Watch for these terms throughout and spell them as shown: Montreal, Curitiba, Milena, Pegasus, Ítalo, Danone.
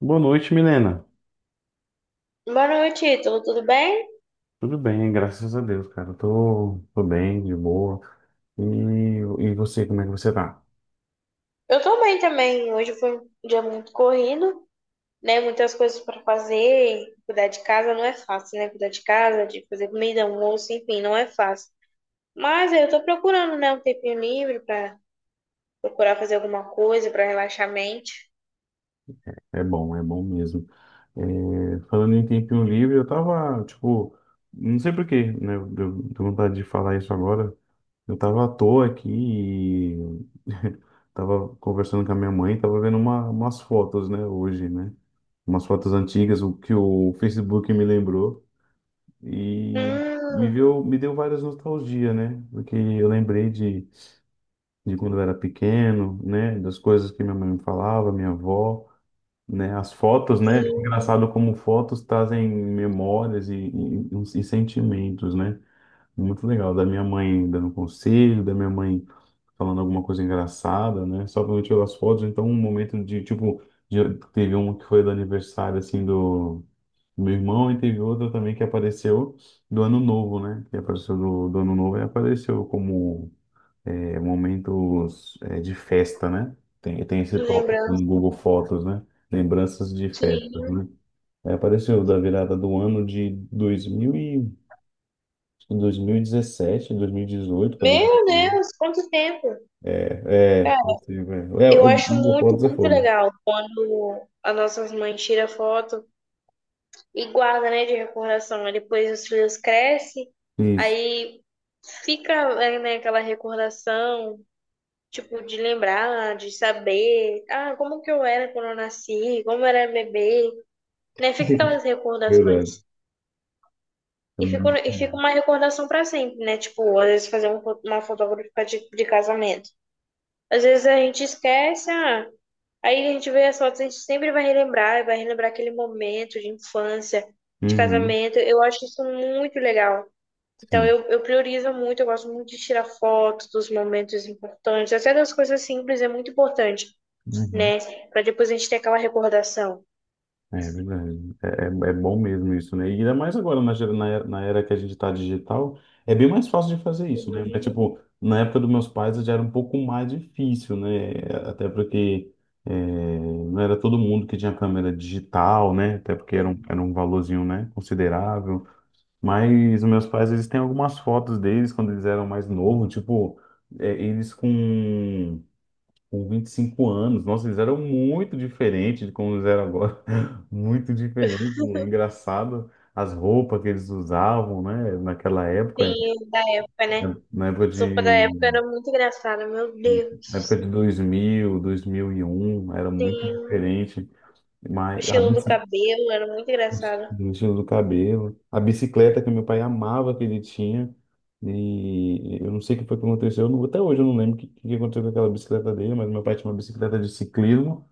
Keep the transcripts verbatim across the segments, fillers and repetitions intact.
Boa noite, Milena. Boa noite, Ítalo, tudo bem? Tudo bem, graças a Deus, cara. Eu Tô, tô bem, de boa. E, e você, como é que você tá? Eu tô bem também. Hoje foi um dia muito corrido, né? Muitas coisas para fazer. Cuidar de casa não é fácil, né? Cuidar de casa, de fazer comida, almoço, enfim, não é fácil. Mas eu tô procurando, né, um tempinho livre para procurar fazer alguma coisa para relaxar a mente. É bom, é bom mesmo. É, falando em tempinho livre, eu tava, tipo, não sei por quê, né? Deu, deu vontade de falar isso agora. Eu tava à toa aqui e tava conversando com a minha mãe, tava vendo uma, umas fotos, né, hoje, né? Umas fotos antigas, o que o Facebook me lembrou e me Hum, viu, me deu várias nostalgia, né? Porque eu lembrei de, de quando eu era pequeno, né, das coisas que minha mãe me falava, minha avó, né, as fotos, né? sim, Engraçado como fotos trazem memórias e, e, e sentimentos, né? Muito legal, da minha mãe dando conselho, da minha mãe falando alguma coisa engraçada, né? Só quando eu tiro as fotos, então um momento de, tipo, de- teve uma que foi do aniversário, assim, do do meu irmão, e teve outra também que apareceu do Ano Novo, né? Que apareceu do, do Ano Novo e apareceu como é, momentos é, de festa, né? Tem, tem esse tópico lembrando, no Google Fotos, né? Lembranças de festas, sim. né? Aí apareceu da virada do ano de dois mil e, dois mil e dezessete, dois mil e dezoito para... Meu Deus, quanto tempo! É, possível, é. É, Eu o acho o muito, Pontos é muito fogo. legal quando as nossas mães tiram foto e guarda, né, de recordação. Aí depois os filhos crescem, Isso, aí fica, é, né, aquela recordação, tipo, de lembrar, de saber, ah, como que eu era quando eu nasci, como eu era bebê, né? Fica aquelas verdade. recordações. E Então, fica, e fica uma recordação para sempre, né? Tipo, às vezes fazer um fo- uma fotografia de, de casamento. Às vezes a gente esquece, ah, aí a gente vê as fotos, a gente sempre vai relembrar, vai relembrar aquele momento de infância, de uhum, casamento. Eu acho isso muito legal. Então sim. eu, eu priorizo muito, eu gosto muito de tirar fotos dos momentos importantes, até das coisas simples é muito importante, Uhum. né? Para depois a gente ter aquela recordação. É verdade. É, é, é bom mesmo isso, né? E ainda mais agora, na, gera- na, era- na era que a gente tá digital, é bem mais fácil de fazer isso, né? Mas, tipo, na época dos meus pais já era um pouco mais difícil, né? Até porque é, não era todo mundo que tinha câmera digital, né? Até porque era um, era um valorzinho, né? Considerável. Mas os meus pais, eles têm algumas fotos deles quando eles eram mais novos, tipo, é, eles com, com vinte e cinco anos. Nossa, eles eram muito diferentes de como eles eram agora. Muito diferente. É engraçado as roupas que eles usavam, né? Naquela época, Sim, da época, na né? na época Sopa da época de, era muito engraçada, meu na Deus. época de dois dois mil dois mil e um era muito Sim. diferente. O Mas a estilo do bici- cabelo era muito engraçado. do estilo do cabelo. A bicicleta que meu pai amava que ele tinha. E eu não sei o que foi que aconteceu. Eu não- até hoje eu não lembro o que, que aconteceu com aquela bicicleta dele, mas meu pai tinha uma bicicleta de ciclismo,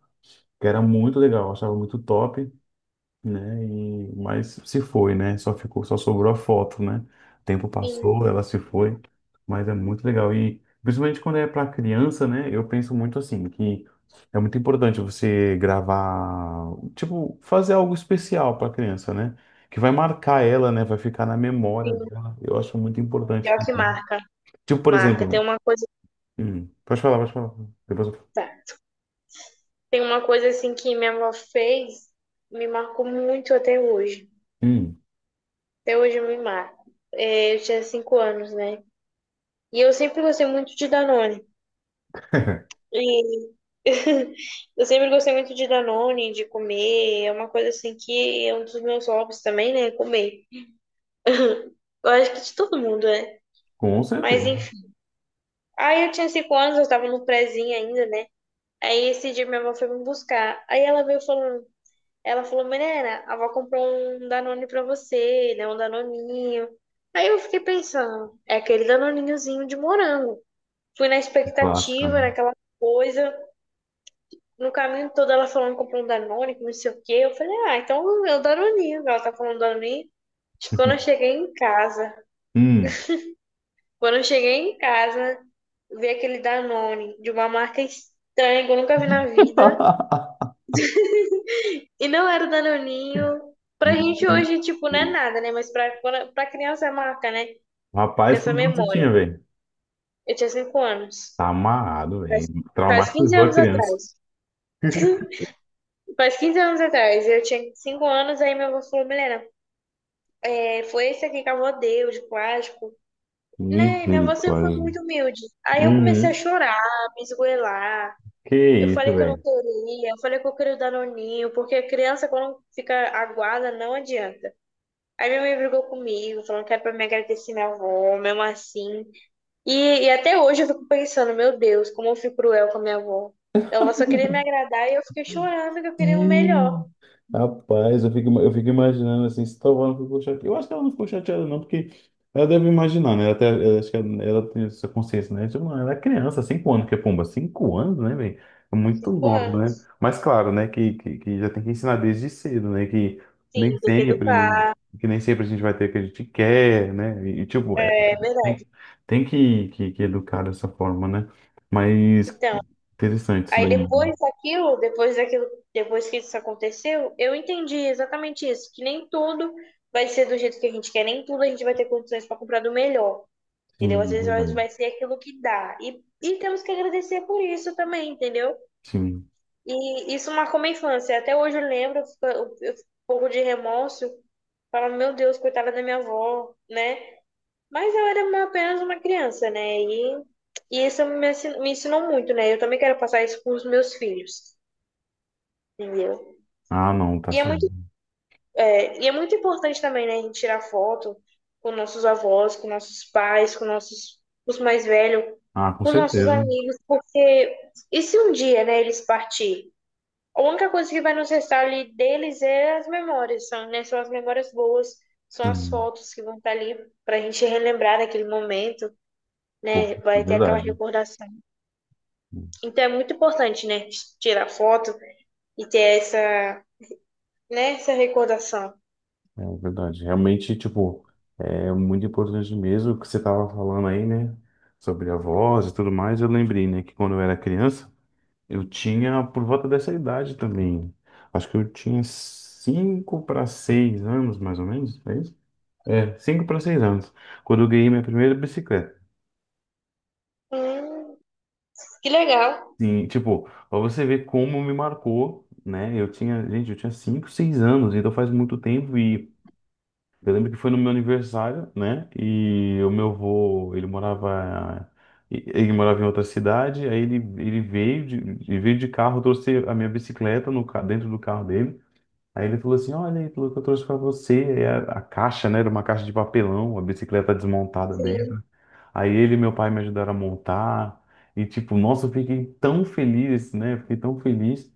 que era muito legal, eu achava muito top, né? E, mas se foi, né? Só ficou, só sobrou a foto, né? O tempo Sim, passou, ela se foi, mas é muito legal. E principalmente quando é para criança, né? Eu penso muito assim, que é muito importante você gravar, tipo, fazer algo especial para criança, né? Que vai marcar ela, né? Vai ficar na memória sim. dela. Eu acho muito importante Pior que fazer. marca, Tipo, por marca. Tem exemplo, uma coisa hum, pode falar, pode falar. Depois eu... falo. Tem uma coisa assim que minha avó fez, me marcou muito até hoje. hum, Até hoje me marca. É, eu tinha cinco anos, né? E eu sempre gostei muito de Danone. E eu sempre gostei muito de Danone, de comer. É uma coisa assim que é um dos meus hobbies também, né? Comer. Eu acho que de todo mundo, né? com Mas certeza. enfim. Aí eu tinha cinco anos, eu tava no prézinho ainda, né? Aí esse dia minha avó foi me buscar. Aí ela veio falando: ela falou, menina, a avó comprou um Danone pra você, né? Um Danoninho. Aí eu fiquei pensando, é aquele Danoninhozinho de morango. Fui na Clássica, expectativa, né? naquela coisa. No caminho todo ela falando que comprou um Danone, que não sei o quê. Eu falei, ah, então é o Danoninho. Ela tá falando Danoninho. Quando eu cheguei em casa, Hum. Quando eu cheguei em casa, vi aquele Danone de uma marca estranha que eu nunca vi na vida. E não era o Danoninho. Pra gente hoje, tipo, não é nada, né? Mas pra, quando- pra criança é marca, né? Com Rapaz, essa quando você memória. tinha, velho? Eu tinha cinco anos. Tá amarrado, Faz, velho. faz quinze Traumatizou a anos criança. atrás. Faz quinze anos atrás. Eu tinha cinco anos, aí minha avó falou, Milena, é, foi esse aqui que a avó deu, de plástico. Né? Minha avó sempre foi Misericórdia. muito humilde. Aí eu comecei a Uhum. chorar, me esgoelar. Que Eu isso, falei que eu não velho. queria, eu falei que eu queria o Danoninho, porque a criança, quando fica aguada, não adianta. Aí minha mãe brigou comigo, falando que era pra me agradecer minha avó, mesmo assim. E, e até hoje eu fico pensando, meu Deus, como eu fui cruel com a minha avó. Então, ela só queria me agradar e eu fiquei chorando que eu queria o melhor. Sim. Rapaz, eu fico, eu fico imaginando assim, se Tovão não ficou chateada. Eu acho que ela não ficou chateada, não, porque ela deve imaginar, né? Ela até, eu acho que ela, ela tem essa consciência, né? Tipo, mano, ela é criança, cinco anos, que é pomba, cinco anos, né, velho? É muito Cinco nova, né? anos. Mas claro, né, que, que, que já tem que ensinar desde cedo, né? Que nem Sim, tem que sempre, né? educar. Que nem sempre a gente vai ter o que a gente quer, né? E, tipo, é, É é- verdade. tem, tem que, que, que educar dessa forma, né? Mas Então, interessante isso aí daí, né? depois daquilo, depois daquilo, depois que isso aconteceu, eu entendi exatamente isso, que nem tudo vai ser do jeito que a gente quer, nem tudo a gente vai ter condições para comprar do melhor. Entendeu? Às Sim, é vezes nós vai verdade. ser aquilo que dá. E, e temos que agradecer por isso também, entendeu? Sim. E isso marcou minha infância. Até hoje eu lembro, eu fico, eu fico um pouco de remorso, falando, meu Deus, coitada da minha avó, né? Mas eu era uma- apenas uma criança, né? E, e isso me ensinou, me ensinou muito, né? Eu também quero passar isso para os meus filhos, entendeu? Ah, não, tá E é muito certo. É, e é muito importante também, né, a gente tirar foto com nossos avós, com nossos pais, com nossos, com os mais velhos, Ah, com com nossos certeza. amigos, porque e se um dia, né, eles partirem? A única coisa que vai nos restar ali deles é as memórias, são, né, são as memórias boas, são as Hum. fotos que vão estar ali para a gente relembrar daquele momento, Pô, né, é vai ter aquela verdade. recordação. Então é muito importante, né, tirar foto e ter essa, né, essa recordação. É verdade. Realmente, tipo, é muito importante mesmo o que você estava falando aí, né? Sobre a voz e tudo mais. Eu lembrei, né, que quando eu era criança, eu tinha por volta dessa idade também. Acho que eu tinha cinco para seis anos, mais ou menos, é isso? É, cinco para seis anos, quando eu ganhei minha primeira bicicleta. Hum, que legal. Sim, tipo, pra você ver como me marcou, né? Eu tinha, gente, eu tinha cinco seis anos, então faz muito tempo e eu lembro que foi no meu aniversário, né? E o meu avô, ele morava ele morava em outra cidade, aí ele, ele veio de, ele veio de carro, trouxe a minha bicicleta no, ca- dentro do carro dele. Aí ele falou assim: Olha aí, falou que eu trouxe pra você. Aí a, a caixa, né? Era uma caixa de papelão, a bicicleta desmontada dele. Sim. Aí ele e meu pai me ajudaram a montar. E, tipo, nossa, eu fiquei tão feliz, né? Eu fiquei tão feliz.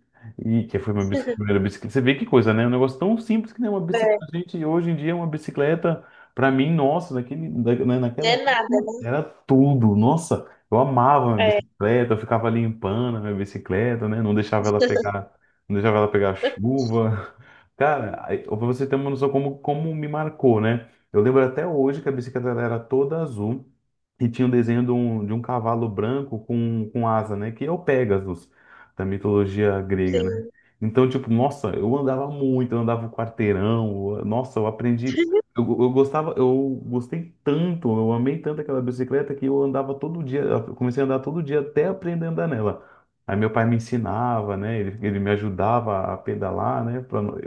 E que foi minha bicicleta primeira bicicleta. Você vê que coisa, né? É um negócio tão simples que nem uma bicicleta. É, Gente, hoje em dia, uma bicicleta, pra mim, nossa, naquele, da- né, não naquela é época, nada, né? era tudo. Nossa, eu amava minha É, bicicleta, eu ficava limpando a minha bicicleta, né? Não deixava ela pegar, não deixava ela pegar chuva. Cara, aí, pra você ter uma noção como, como me marcou, né? Eu lembro até hoje que a bicicleta ela era toda azul. E tinha um desenho de um, de um cavalo branco com, com asa, né? Que é o Pegasus, da mitologia grega, né? sim. Então, tipo, nossa, eu andava muito, eu andava o quarteirão, eu- nossa, eu aprendi. Eu, eu gostava, eu gostei tanto, eu amei tanto aquela bicicleta que eu andava todo dia, eu comecei a andar todo dia até aprender a andar nela. Aí meu pai me ensinava, né? Ele, ele me ajudava a pedalar, né? pra não-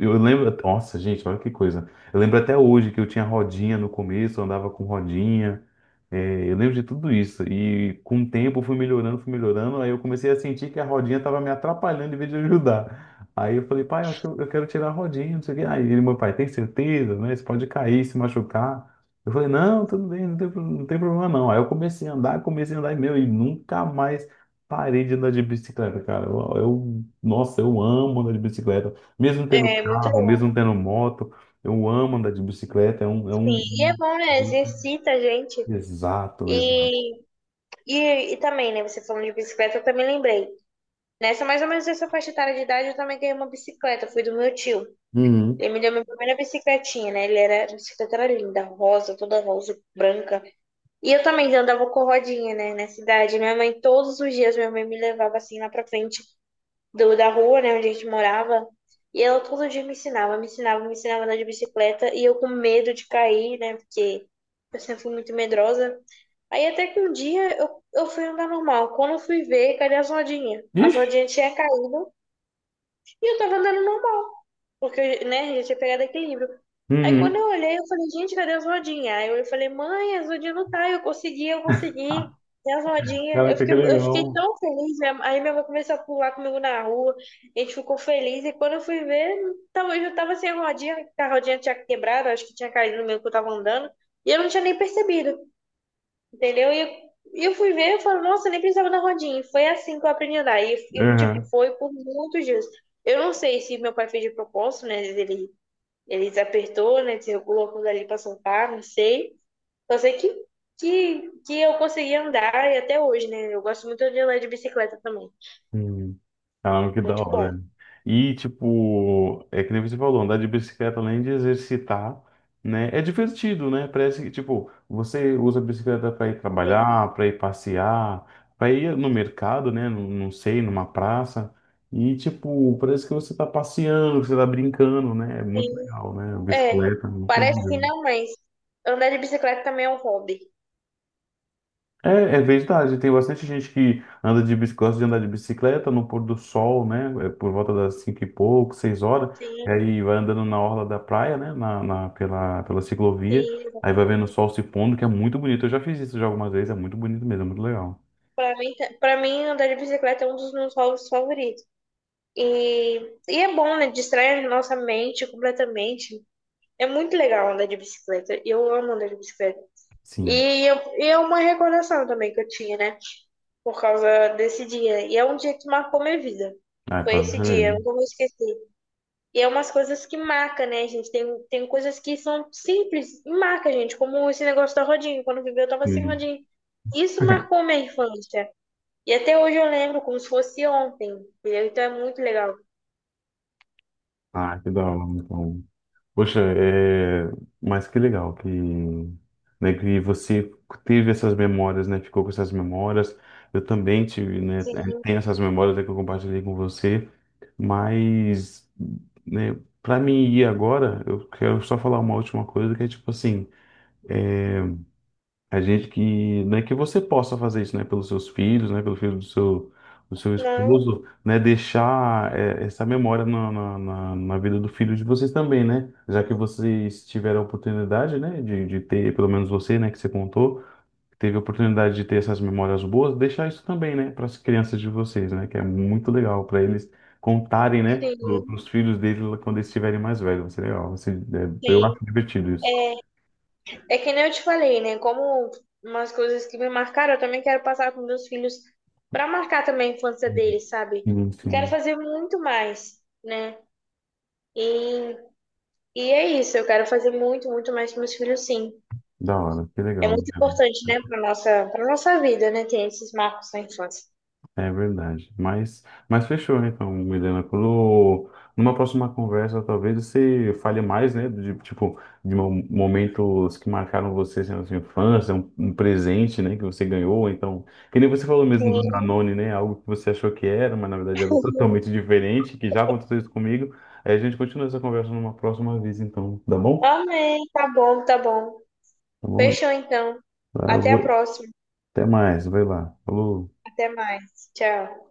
eu lembro, nossa, gente, olha que coisa. Eu lembro até hoje que eu tinha rodinha no começo, eu andava com rodinha. É, eu lembro de tudo isso. E com o tempo eu fui melhorando, fui melhorando. Aí eu comecei a sentir que a rodinha estava me atrapalhando em vez de ajudar. Aí eu falei, pai, eu acho que eu, eu quero tirar a rodinha, não sei o quê. Aí ele, meu pai, tem certeza, né? Você pode cair, se machucar. Eu falei, não, tudo bem, não tem, pro- não tem problema não. Aí eu comecei a andar, comecei a andar e meu, e nunca mais parei de andar de bicicleta, cara. Eu, eu- nossa, eu amo andar de bicicleta. Mesmo tendo É muito carro, louco. mesmo tendo moto, eu amo andar de bicicleta. É um, é Sim, um... e é bom, né? Exercita a gente. Exato, exato. E, e, e também, né? Você falando de bicicleta, eu também lembrei. Nessa mais ou menos essa faixa etária de idade, eu também ganhei uma bicicleta. Fui do meu tio. Uhum. Ele me deu minha primeira bicicletinha, né? Ele era, a bicicleta era linda, rosa, toda rosa, branca. E eu também andava com rodinha, né? Nessa idade. Minha mãe, todos os dias, minha mãe me levava assim lá pra frente. Do, da rua, né, onde a gente morava. E ela todo dia me ensinava, me ensinava, me ensinava a andar de bicicleta. E eu com medo de cair, né, porque eu sempre fui muito medrosa. Aí até que um dia eu, eu fui andar normal. Quando eu fui ver, cadê as rodinhas? As Ixi! rodinhas tinham caído e eu tava andando normal. Porque, né, já tinha pegado equilíbrio. Aí quando Uhum. eu olhei, eu falei, gente, cadê as rodinhas? Aí eu falei, mãe, as rodinhas não tá. Eu consegui, eu consegui. E as rodinhas, eu Caraca, fiquei, que eu fiquei legal. tão feliz. minha- Aí minha mãe começou a pular comigo na rua. A gente ficou feliz. E quando eu fui ver, tava, eu já tava sem a rodinha. Que A rodinha tinha quebrado, acho que tinha caído no meio que eu tava andando. E eu não tinha nem percebido. Entendeu? E e eu fui ver, eu falo, nossa, eu nem precisava da rodinha. E foi assim que eu aprendi a andar. E, e, tipo, Uhum. foi por muitos dias. Eu não sei se meu pai fez de propósito, né? Ele, ele desapertou, né? Desregulou aquilo ali pra soltar, não sei. Só sei que, que, que eu consegui andar e até hoje, né? Eu gosto muito de andar de bicicleta também. Uhum. Caramba, que da Muito bom. hora. E, tipo, é que nem você falou, andar de bicicleta, além de exercitar, né? É divertido, né? Parece que, tipo, você usa a bicicleta para ir Sim, trabalhar, para ir passear, para ir no mercado, né? Não, não sei, numa praça. E, tipo, parece que você tá passeando, que você tá brincando, né? É muito sim. legal, né? A É, bicicleta, é muito parece que legal. não, mas andar de bicicleta também é um hobby. É, é verdade, tem bastante gente que anda de bicicleta, gosta de andar de bicicleta no pôr do sol, né? é, Por volta das cinco e pouco, seis horas, e Sim, aí vai andando na orla da praia, né? Na, na- pela, pela ciclovia, sim. aí vai vendo o sol se pondo, que é muito bonito. Eu já fiz isso já algumas vezes, é muito bonito mesmo, é muito legal. Pra mim, ta- pra mim, andar de bicicleta é um dos meus hobbies favoritos. E, e é bom, né? Distrai a nossa mente completamente. É muito legal andar de bicicleta. Eu amo andar de bicicleta. Sim. E, eu, e é uma recordação também que eu tinha, né? Por causa desse dia. E é um dia que marcou minha vida. Ah, é Foi pra esse dia, eu ver. nunca vou esquecer. E é umas coisas que marca, né, gente? Tem, tem coisas que são simples e marca, gente. Como esse negócio da rodinha. Quando eu vivi, eu tava sem Sim. rodinha. Isso marcou minha infância. E até hoje eu lembro como se fosse ontem. Entendeu? Então é muito legal. Ah, que da hora, então. Poxa, é... mas que legal que, né, que você teve essas memórias, né? Ficou com essas memórias. Eu também tive, né? é, Sim, Tenho essas memórias, né, que eu compartilhei com você. Mas, né, para mim ir agora, eu quero só falar uma última coisa que é tipo assim. É, a gente que, né, que você possa fazer isso, né, pelos seus filhos, né, pelo filho do seu, do seu não. esposo, né, deixar é, essa memória na, na, na, na vida do filho de vocês também, né, já que vocês tiveram a oportunidade, né, de, de ter, pelo menos você, né, que você contou, teve a oportunidade de ter essas memórias boas, deixar isso também, né, para as crianças de vocês, né, que é muito legal para eles contarem, né, para Sim, os filhos deles quando eles estiverem mais velhos, vai ser legal, vai ser- é, eu sim. acho divertido isso. É, é que nem eu te falei, né? Como umas coisas que me marcaram, eu também quero passar com meus filhos para marcar também a infância Uhum. deles, sabe? Sim, E quero sim. fazer muito mais, né? E, e é isso, eu quero fazer muito, muito mais com meus filhos, sim. Da hora, que É legal. muito importante, né, para nossa, para nossa vida, né, ter esses marcos na infância. É verdade. Mas, mas fechou, né? Então, Milena, quando, numa próxima conversa, talvez você fale mais, né? De, tipo, de mo- momentos que marcaram você assim, na sua infância, um, um presente, né? Que você ganhou, ou então, que nem você falou mesmo do Sim, Danone, né? Algo que você achou que era, mas na verdade era totalmente diferente, que já aconteceu isso comigo. Aí a gente continua essa conversa numa próxima vez, então, tá bom? amém. Tá bom, tá bom. Tá bom? Fechou então. Ah, eu Até a vou... próxima. Até mais, vai lá. Falou. Até mais. Tchau.